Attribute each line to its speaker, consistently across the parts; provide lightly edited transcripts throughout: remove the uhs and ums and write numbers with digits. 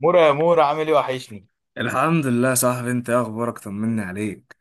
Speaker 1: مورا يا مورا عامل ايه؟ وحشني.
Speaker 2: الحمد لله يا صاحبي، انت ايه اخبارك؟ طمني عليك.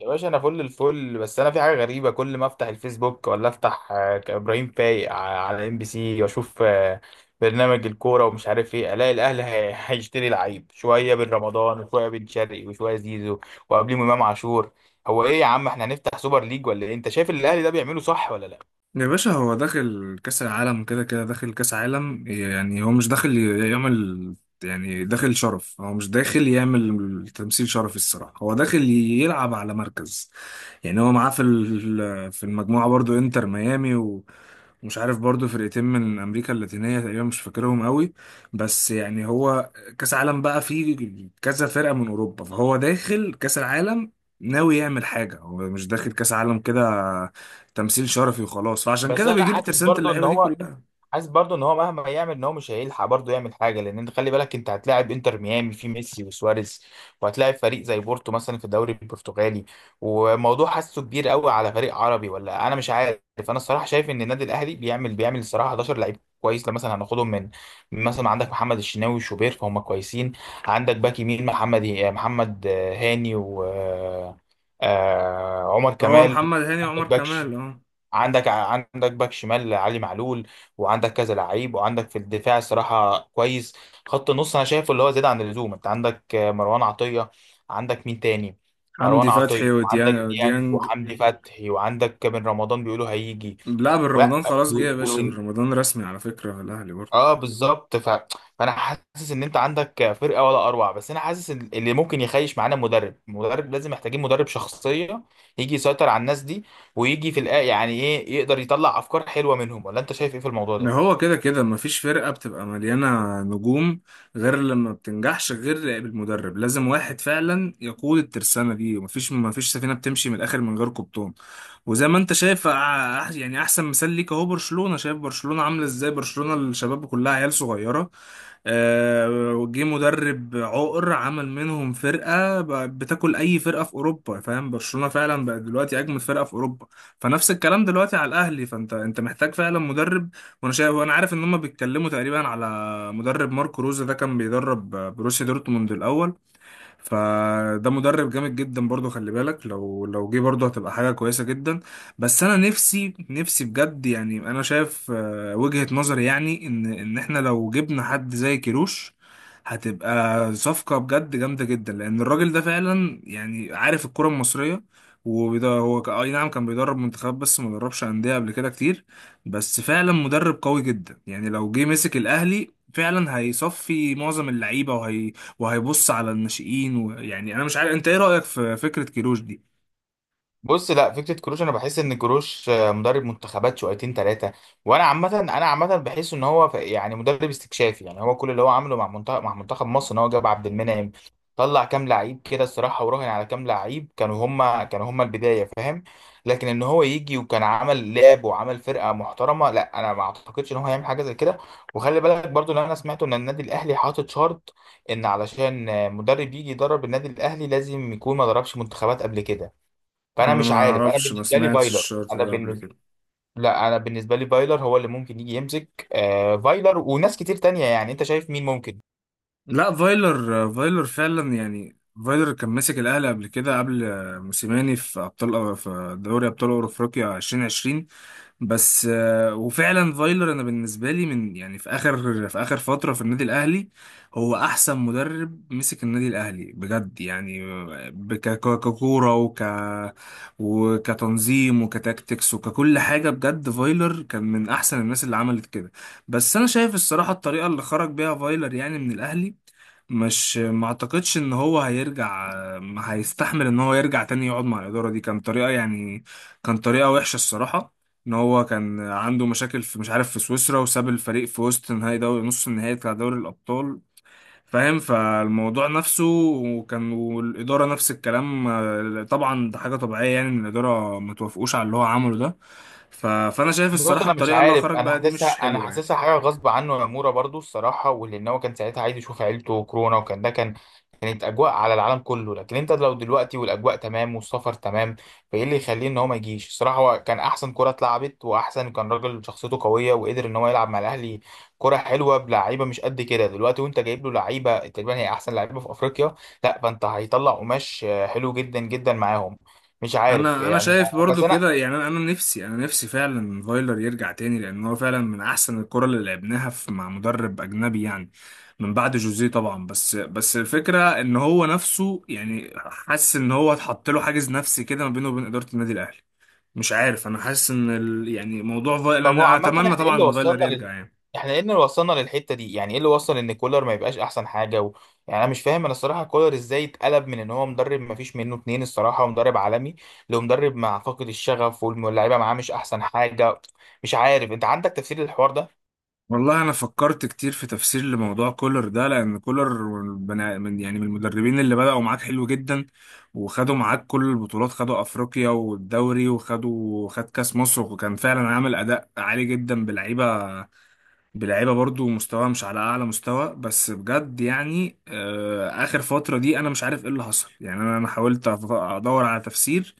Speaker 1: يا باشا انا فل الفل. بس انا في حاجه غريبه، كل ما افتح الفيسبوك ولا افتح ابراهيم فايق على ام بي سي واشوف برنامج الكوره، ومش عارف ايه. الاقي الاهلي هيشتري لعيب، شويه بن رمضان وشويه بن شرقي وشويه زيزو وقبليهم امام عاشور. هو ايه يا عم؟ احنا هنفتح سوبر ليج ولا ايه؟ انت شايف اللي الاهلي ده بيعمله صح ولا لا؟
Speaker 2: يا باشا هو داخل كأس العالم، كده كده داخل كأس عالم، يعني هو مش داخل يعمل، يعني داخل شرف، هو مش داخل يعمل تمثيل شرفي الصراحة، هو داخل يلعب على مركز. يعني هو معاه في المجموعة برضو انتر ميامي ومش عارف برضو فرقتين من أمريكا اللاتينية تقريبا، مش فاكرهم قوي. بس يعني هو كأس عالم بقى فيه كذا فرقة من أوروبا، فهو داخل كأس العالم ناوي يعمل حاجة، هو مش داخل كأس عالم كده تمثيل شرفي وخلاص، فعشان
Speaker 1: بس
Speaker 2: كده
Speaker 1: انا
Speaker 2: بيجيب
Speaker 1: حاسس
Speaker 2: ترسانة
Speaker 1: برضو ان
Speaker 2: اللعيبة دي
Speaker 1: هو
Speaker 2: كلها.
Speaker 1: حاسس برضو ان هو مهما يعمل ان هو مش هيلحق برضو يعمل حاجه، لان انت خلي بالك انت هتلاعب انتر ميامي في ميسي وسواريز، وهتلاعب فريق زي بورتو مثلا في الدوري البرتغالي، وموضوع حاسه كبير قوي على فريق عربي، ولا انا مش عارف. انا الصراحه شايف ان النادي الاهلي بيعمل الصراحه 11 لعيب كويس، لما مثلا هناخدهم من مثلا عندك محمد الشناوي وشوبير، فهم كويسين. عندك باك يمين محمد هاني، و عمر
Speaker 2: هو
Speaker 1: كمال.
Speaker 2: محمد هاني وعمر
Speaker 1: عندك باك
Speaker 2: كمال، اه.
Speaker 1: عندك باك شمال علي معلول، وعندك كذا لعيب، وعندك في الدفاع صراحة كويس. خط النص انا شايفه اللي هو زيادة عن اللزوم، انت عندك مروان عطية، عندك مين تاني؟ مروان
Speaker 2: حمدي
Speaker 1: عطية،
Speaker 2: فتحي
Speaker 1: وعندك
Speaker 2: وديانج
Speaker 1: ديانج،
Speaker 2: وديانج.
Speaker 1: وحمدي فتحي، وعندك بن رمضان بيقولوا هيجي
Speaker 2: لا،
Speaker 1: و-
Speaker 2: بالرمضان خلاص جه يا باشا، بالرمضان رسمي على فكرة الأهلي برضه.
Speaker 1: اه بالظبط. فانا حاسس ان انت عندك فرقه ولا اروع، بس انا حاسس إن اللي ممكن يخيش معانا مدرب لازم، محتاجين مدرب شخصيه يجي يسيطر على الناس دي، ويجي في الآ يعني ايه يقدر يطلع افكار حلوه منهم، ولا انت شايف ايه في الموضوع
Speaker 2: إن
Speaker 1: ده؟
Speaker 2: هو كده كده مفيش فرقة بتبقى مليانة نجوم غير لما بتنجحش غير بالمدرب، لازم واحد فعلا يقود الترسانة دي، مفيش سفينة بتمشي من الآخر من غير قبطان. وزي ما انت شايف يعني أحسن مثال ليك أهو برشلونة، شايف برشلونة عاملة ازاي؟ برشلونة الشباب كلها عيال صغيرة، جه مدرب عقر عمل منهم فرقة بتاكل أي فرقة في أوروبا، فاهم؟ برشلونة فعلا بقى دلوقتي أجمل فرقة في أوروبا، فنفس الكلام دلوقتي على الأهلي، فأنت محتاج فعلا مدرب. وانا شايف وانا عارف ان هم بيتكلموا تقريبا على مدرب ماركو روزا، ده كان بيدرب بروسيا دورتموند الاول، فده مدرب جامد جدا برضو، خلي بالك لو جه برضو هتبقى حاجة كويسة جدا. بس انا نفسي بجد، يعني انا شايف وجهة نظري يعني ان احنا لو جبنا حد زي كيروش هتبقى صفقة بجد جامدة جدا، لان الراجل ده فعلا يعني عارف الكرة المصرية. وده هو اي نعم كان بيدرب منتخبات بس ما دربش أندية قبل كده كتير، بس فعلا مدرب قوي جدا، يعني لو جه مسك الأهلي فعلا هيصفي معظم اللعيبة وهيبص على الناشئين. ويعني انا مش عارف انت ايه رأيك في فكرة كيروش دي؟
Speaker 1: بص، لا، فكره كروش، انا بحس ان كروش مدرب منتخبات شويتين ثلاثه. وانا عامه انا عامه بحس ان هو يعني مدرب استكشافي، يعني هو كل اللي هو عمله مع منتخب مصر ان هو جاب عبد المنعم، طلع كام لعيب كده الصراحه، وراهن على كام لعيب كانوا هما البدايه، فاهم؟ لكن ان هو يجي وكان عمل لعب وعمل فرقه محترمه، لا انا ما اعتقدش ان هو هيعمل حاجه زي كده. وخلي بالك برضو ان انا سمعت ان النادي الاهلي حاطط شرط ان علشان مدرب يجي يدرب النادي الاهلي لازم يكون ما دربش منتخبات قبل كده، فانا
Speaker 2: انا
Speaker 1: مش
Speaker 2: ما
Speaker 1: عارف. انا
Speaker 2: اعرفش، ما
Speaker 1: بالنسبه لي
Speaker 2: سمعتش
Speaker 1: فايلر
Speaker 2: الشرط
Speaker 1: انا
Speaker 2: ده قبل
Speaker 1: بالنسبه
Speaker 2: كده.
Speaker 1: لا، انا بالنسبه لي فايلر هو اللي ممكن يجي يمسك، آه فايلر وناس كتير تانية، يعني انت شايف مين ممكن؟
Speaker 2: لا، فايلر فعلا يعني، فايلر كان ماسك الاهلي قبل كده، قبل موسيماني، في ابطال، في دوري ابطال افريقيا 2020. بس وفعلا فايلر انا بالنسبه لي من، يعني في اخر في اخر فتره في النادي الاهلي هو احسن مدرب مسك النادي الاهلي بجد يعني. ككوره وكتنظيم وكتاكتكس وككل حاجه، بجد فايلر كان من احسن الناس اللي عملت كده. بس انا شايف الصراحه الطريقه اللي خرج بيها فايلر يعني من الاهلي، مش ما اعتقدش ان هو هيرجع، ما هيستحمل ان هو يرجع تاني يقعد مع الاداره دي. كان طريقه يعني، كان طريقه وحشه الصراحه، ان هو كان عنده مشاكل في، مش عارف، في سويسرا، وساب الفريق في وسط نهائي دوري، نص النهائي بتاع دوري الابطال، فاهم؟ فالموضوع نفسه وكان والاداره نفس الكلام، طبعا ده حاجه طبيعيه يعني ان الاداره ما توافقوش على اللي هو عمله ده. فانا شايف
Speaker 1: بص،
Speaker 2: الصراحه
Speaker 1: انا مش
Speaker 2: الطريقه اللي هو
Speaker 1: عارف،
Speaker 2: خرج بقى دي مش
Speaker 1: انا
Speaker 2: حلوه يعني.
Speaker 1: حاسسها حاجه غصب عنه يا مورا برضو الصراحه، ولان هو كان ساعتها عايز يشوف عيلته وكورونا، وكان ده كان كانت اجواء على العالم كله، لكن انت لو دلوقتي والاجواء تمام والسفر تمام، فايه اللي يخليه ان هو ما يجيش الصراحه؟ هو كان احسن كره اتلعبت، واحسن، كان راجل شخصيته قويه، وقدر ان هو يلعب مع الاهلي كره حلوه بلعيبه مش قد كده دلوقتي، وانت جايب له لعيبه تقريبا هي احسن لعيبه في افريقيا، لا فانت هيطلع قماش حلو جدا جدا معاهم، مش عارف
Speaker 2: انا
Speaker 1: يعني.
Speaker 2: شايف
Speaker 1: بس
Speaker 2: برضو كده،
Speaker 1: انا
Speaker 2: يعني انا نفسي، انا نفسي فعلا فايلر يرجع تاني، لان هو فعلا من احسن الكرة اللي لعبناها في، مع مدرب اجنبي يعني، من بعد جوزيه طبعا. بس الفكرة ان هو نفسه يعني حاسس ان هو اتحط له حاجز نفسي كده ما بينه وبين ادارة النادي الاهلي. مش عارف، انا حاسس ان ال، يعني موضوع فايلر
Speaker 1: طب هو
Speaker 2: انا
Speaker 1: عامة
Speaker 2: اتمنى
Speaker 1: احنا ايه
Speaker 2: طبعا
Speaker 1: اللي
Speaker 2: ان فايلر
Speaker 1: وصلنا
Speaker 2: يرجع
Speaker 1: لل...
Speaker 2: يعني.
Speaker 1: احنا ايه اللي وصلنا للحتة دي؟ يعني ايه اللي وصل ان كولر ما يبقاش احسن حاجة؟ يعني انا مش فاهم، انا الصراحة كولر ازاي اتقلب من ان هو مدرب ما فيش منه اتنين الصراحة ومدرب عالمي، لمدرب مع فاقد الشغف واللاعيبة معاه مش احسن حاجة؟ مش عارف، انت عندك تفسير للحوار ده؟
Speaker 2: والله انا فكرت كتير في تفسير لموضوع كولر ده، لان كولر يعني من المدربين اللي بدأوا معاك حلو جدا، وخدوا معاك كل البطولات، خدوا افريقيا والدوري وخدوا، خد كاس مصر، وكان فعلا عامل اداء عالي جدا بلعيبه، بلعيبه برضو مستواها مش على اعلى مستوى. بس بجد يعني، اخر فتره دي انا مش عارف ايه اللي حصل يعني. انا حاولت ادور على تفسير،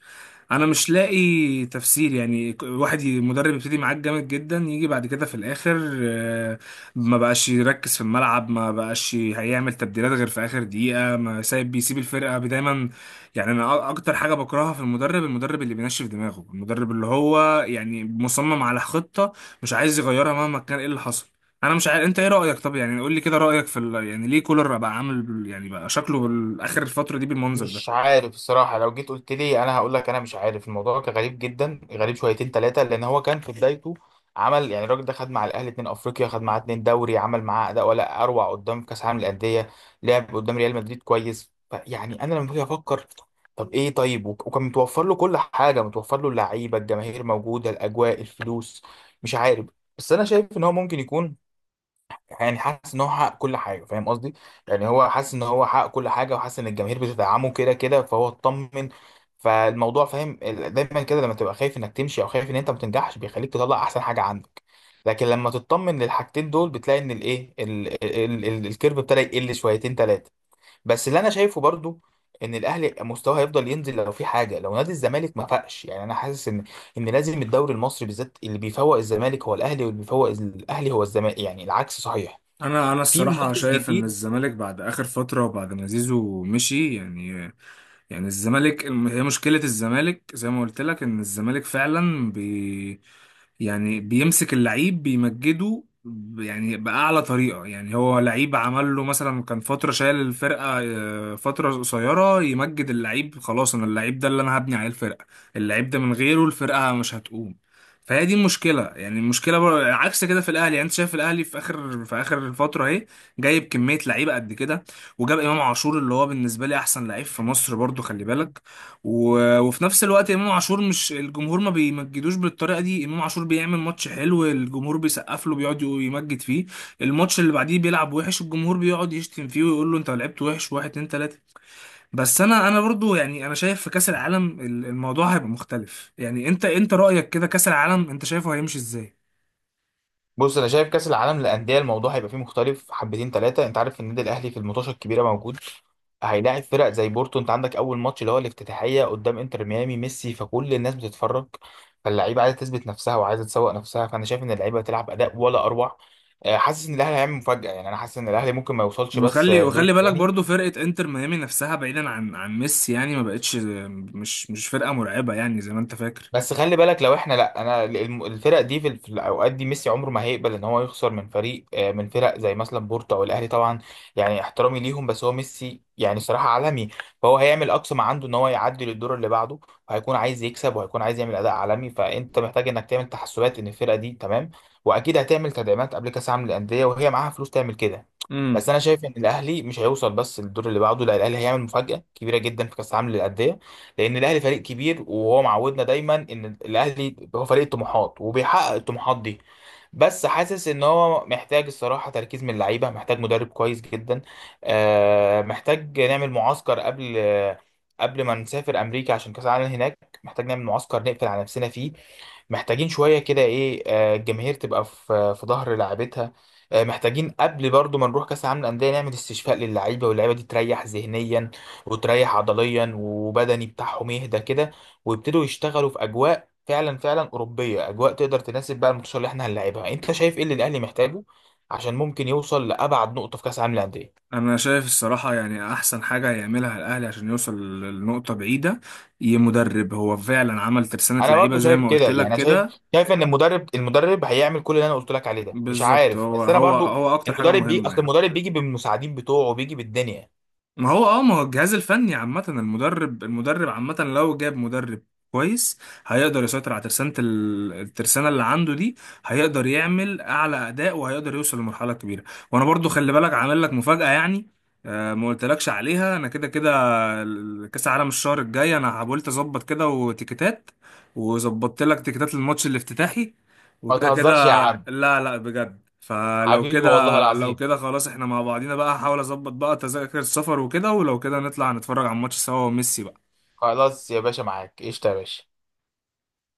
Speaker 2: انا مش لاقي تفسير. يعني مدرب يبتدي معاك جامد جدا، يجي بعد كده في الاخر ما بقاش يركز في الملعب، ما بقاش هيعمل تبديلات غير في اخر دقيقه، ما سايب، بيسيب الفرقه دايما. يعني اكتر حاجه بكرهها في المدرب، المدرب اللي بينشف دماغه، المدرب اللي هو يعني مصمم على خطه مش عايز يغيرها مهما كان ايه اللي حصل. انا مش عارف انت ايه رايك؟ طب يعني قول لي كده رايك يعني ليه كولر بقى عامل يعني بقى شكله اخر الفتره دي بالمنظر
Speaker 1: مش
Speaker 2: ده؟
Speaker 1: عارف الصراحة، لو جيت قلت لي أنا هقول لك أنا مش عارف. الموضوع كان غريب جدا، غريب شويتين ثلاثة، لأن هو كان في بدايته عمل، يعني الراجل ده خد مع الأهلي اتنين أفريقيا، خد معاه اتنين دوري، عمل معاه أداء ولا أروع قدام كأس العالم للأندية، لعب قدام ريال مدريد كويس، يعني أنا لما باجي أفكر، طب إيه؟ طيب، وكان متوفر له كل حاجة، متوفر له اللعيبة، الجماهير موجودة، الأجواء، الفلوس، مش عارف. بس أنا شايف إن هو ممكن يكون، يعني حاسس ان هو حقق كل حاجه، فاهم قصدي؟ يعني هو حاسس ان هو حقق كل حاجه، وحاسس ان الجماهير بتدعمه كده كده، فهو اطمن فالموضوع، فاهم؟ دايما كده لما تبقى خايف انك تمشي او خايف ان انت ما تنجحش بيخليك تطلع احسن حاجه عندك، لكن لما تطمن للحاجتين دول بتلاقي ان الايه ال- ال- ال- الكيرف ابتدى يقل شويتين ثلاثه. بس اللي انا شايفه برضو ان الاهلي مستواه هيفضل ينزل لو في حاجه، لو نادي الزمالك ما فاقش، يعني انا حاسس ان لازم الدوري المصري بالذات، اللي بيفوق الزمالك هو الاهلي، واللي بيفوق الاهلي هو الزمالك، يعني العكس صحيح،
Speaker 2: انا
Speaker 1: في
Speaker 2: الصراحه
Speaker 1: منافس
Speaker 2: شايف ان
Speaker 1: جديد.
Speaker 2: الزمالك بعد اخر فتره وبعد ما زيزو مشي يعني، يعني الزمالك هي مشكله الزمالك زي ما قلت لك، ان الزمالك فعلا يعني بيمسك اللعيب بيمجده يعني باعلى طريقه، يعني هو لعيب عمل له مثلا، كان فتره شايل الفرقه فتره قصيره، يمجد اللعيب خلاص، انا اللعيب ده اللي انا هبني عليه الفرقه، اللعيب ده من غيره الفرقه مش هتقوم. فهي دي المشكله، يعني المشكله عكس كده في الاهلي. يعني انت شايف الاهلي في اخر في اخر فتره اهي جايب كميه لعيبه قد كده، وجاب امام عاشور اللي هو بالنسبه لي احسن لعيب في مصر برضو، خلي بالك. وفي نفس الوقت امام عاشور مش، الجمهور ما بيمجدوش بالطريقه دي، امام عاشور بيعمل ماتش حلو الجمهور بيسقف له بيقعد يمجد فيه، الماتش اللي بعديه بيلعب وحش الجمهور بيقعد يشتم فيه ويقول له انت لعبت وحش واحد اتنين تلاته. بس انا برضو يعني انا شايف في كاس العالم الموضوع هيبقى مختلف. يعني انت رايك كده كاس العالم انت شايفه هيمشي ازاي؟
Speaker 1: بص انا شايف كاس العالم للانديه الموضوع هيبقى فيه مختلف حبتين ثلاثه، انت عارف النادي الاهلي في الماتشات الكبيره موجود، هيلاعب فرق زي بورتو، انت عندك اول ماتش اللي هو الافتتاحيه قدام انتر ميامي ميسي، فكل الناس بتتفرج، فاللعيبه عايزه تثبت نفسها وعايزه تسوق نفسها، فانا شايف ان اللعيبه هتلعب اداء ولا اروع، حاسس ان الاهلي هيعمل مفاجاه، يعني انا حاسس ان الاهلي ممكن ما يوصلش بس
Speaker 2: وخلي
Speaker 1: الدور
Speaker 2: وخلي بالك
Speaker 1: الثاني.
Speaker 2: برضو فرقة انتر ميامي نفسها، بعيدا عن عن ميسي يعني ما بقتش، مش فرقة مرعبة يعني زي ما انت فاكر.
Speaker 1: بس خلي بالك لو احنا لا انا الم- الفرق دي في الاوقات دي، ميسي عمره ما هيقبل ان هو يخسر من فريق آه، من فرق زي مثلا بورتو او الاهلي طبعا، يعني احترامي ليهم، بس هو ميسي يعني صراحة عالمي، فهو هيعمل اقصى ما عنده ان هو يعدي للدور اللي بعده، وهيكون عايز يكسب، وهيكون عايز يعمل اداء عالمي، فانت محتاج انك تعمل تحسبات ان الفرقة دي تمام، واكيد هتعمل تدعيمات قبل كاس عالم للاندية، وهي معاها فلوس تعمل كده.
Speaker 2: امم،
Speaker 1: بس انا شايف ان الاهلي مش هيوصل بس للدور اللي بعده، لا الاهلي هيعمل مفاجأة كبيرة جدا في كاس عالم للاندية، لان الاهلي فريق كبير، وهو معودنا دايما ان الاهلي هو فريق الطموحات وبيحقق الطموحات دي. بس حاسس ان هو محتاج الصراحه تركيز من اللعيبه، محتاج مدرب كويس جدا، محتاج نعمل معسكر قبل ما نسافر امريكا عشان كاس العالم هناك، محتاج نعمل معسكر نقفل على نفسنا فيه، محتاجين شوية كده ايه، الجماهير تبقى في ظهر لاعبتها، محتاجين قبل برضو ما نروح كأس العالم للأندية نعمل استشفاء للعيبة، واللعيبة دي تريح ذهنيا وتريح عضليا، وبدني بتاعهم يهدى كده، ويبتدوا يشتغلوا في أجواء فعلا فعلا أوروبية، أجواء تقدر تناسب بقى الماتشات اللي احنا هنلعبها. أنت شايف ايه اللي الأهلي محتاجه عشان ممكن يوصل لأبعد نقطة في كأس العالم للأندية؟
Speaker 2: انا شايف الصراحة يعني احسن حاجة هيعملها الاهلي عشان يوصل لنقطة بعيدة ي مدرب، هو فعلا عمل ترسانة
Speaker 1: انا برضو
Speaker 2: لعيبة زي
Speaker 1: شايف
Speaker 2: ما
Speaker 1: كده،
Speaker 2: قلت
Speaker 1: يعني
Speaker 2: لك
Speaker 1: انا شايف
Speaker 2: كده.
Speaker 1: شايف ان المدرب هيعمل كل اللي انا قلت لك عليه ده، مش
Speaker 2: بالظبط،
Speaker 1: عارف،
Speaker 2: هو
Speaker 1: بس انا
Speaker 2: هو
Speaker 1: برضو،
Speaker 2: هو اكتر حاجة
Speaker 1: المدرب بي
Speaker 2: مهمة
Speaker 1: اصل
Speaker 2: يعني.
Speaker 1: المدرب بيجي بالمساعدين بتوعه، بيجي بالدنيا.
Speaker 2: ما هو اه، ما هو الجهاز الفني عامة، المدرب، المدرب عامة لو جاب مدرب كويس هيقدر يسيطر على ترسانة الترسانة اللي عنده دي، هيقدر يعمل أعلى أداء وهيقدر يوصل لمرحلة كبيرة. وأنا برضو خلي بالك عامل لك مفاجأة يعني. آه، ما قلتلكش عليها. أنا كده كده كاس العالم الشهر الجاي انا حاولت اظبط كده وتيكتات، وظبطت لك تيكتات للماتش الافتتاحي
Speaker 1: ما
Speaker 2: وكده كده.
Speaker 1: تهزرش يا عم.
Speaker 2: لا بجد؟ فلو
Speaker 1: حبيبي والله
Speaker 2: كده، لو
Speaker 1: العظيم.
Speaker 2: كده خلاص احنا مع بعضينا بقى، هحاول اظبط بقى تذاكر السفر وكده، ولو كده نطلع نتفرج على الماتش سوا وميسي بقى.
Speaker 1: خلاص يا باشا، معاك قشطة يا باشا.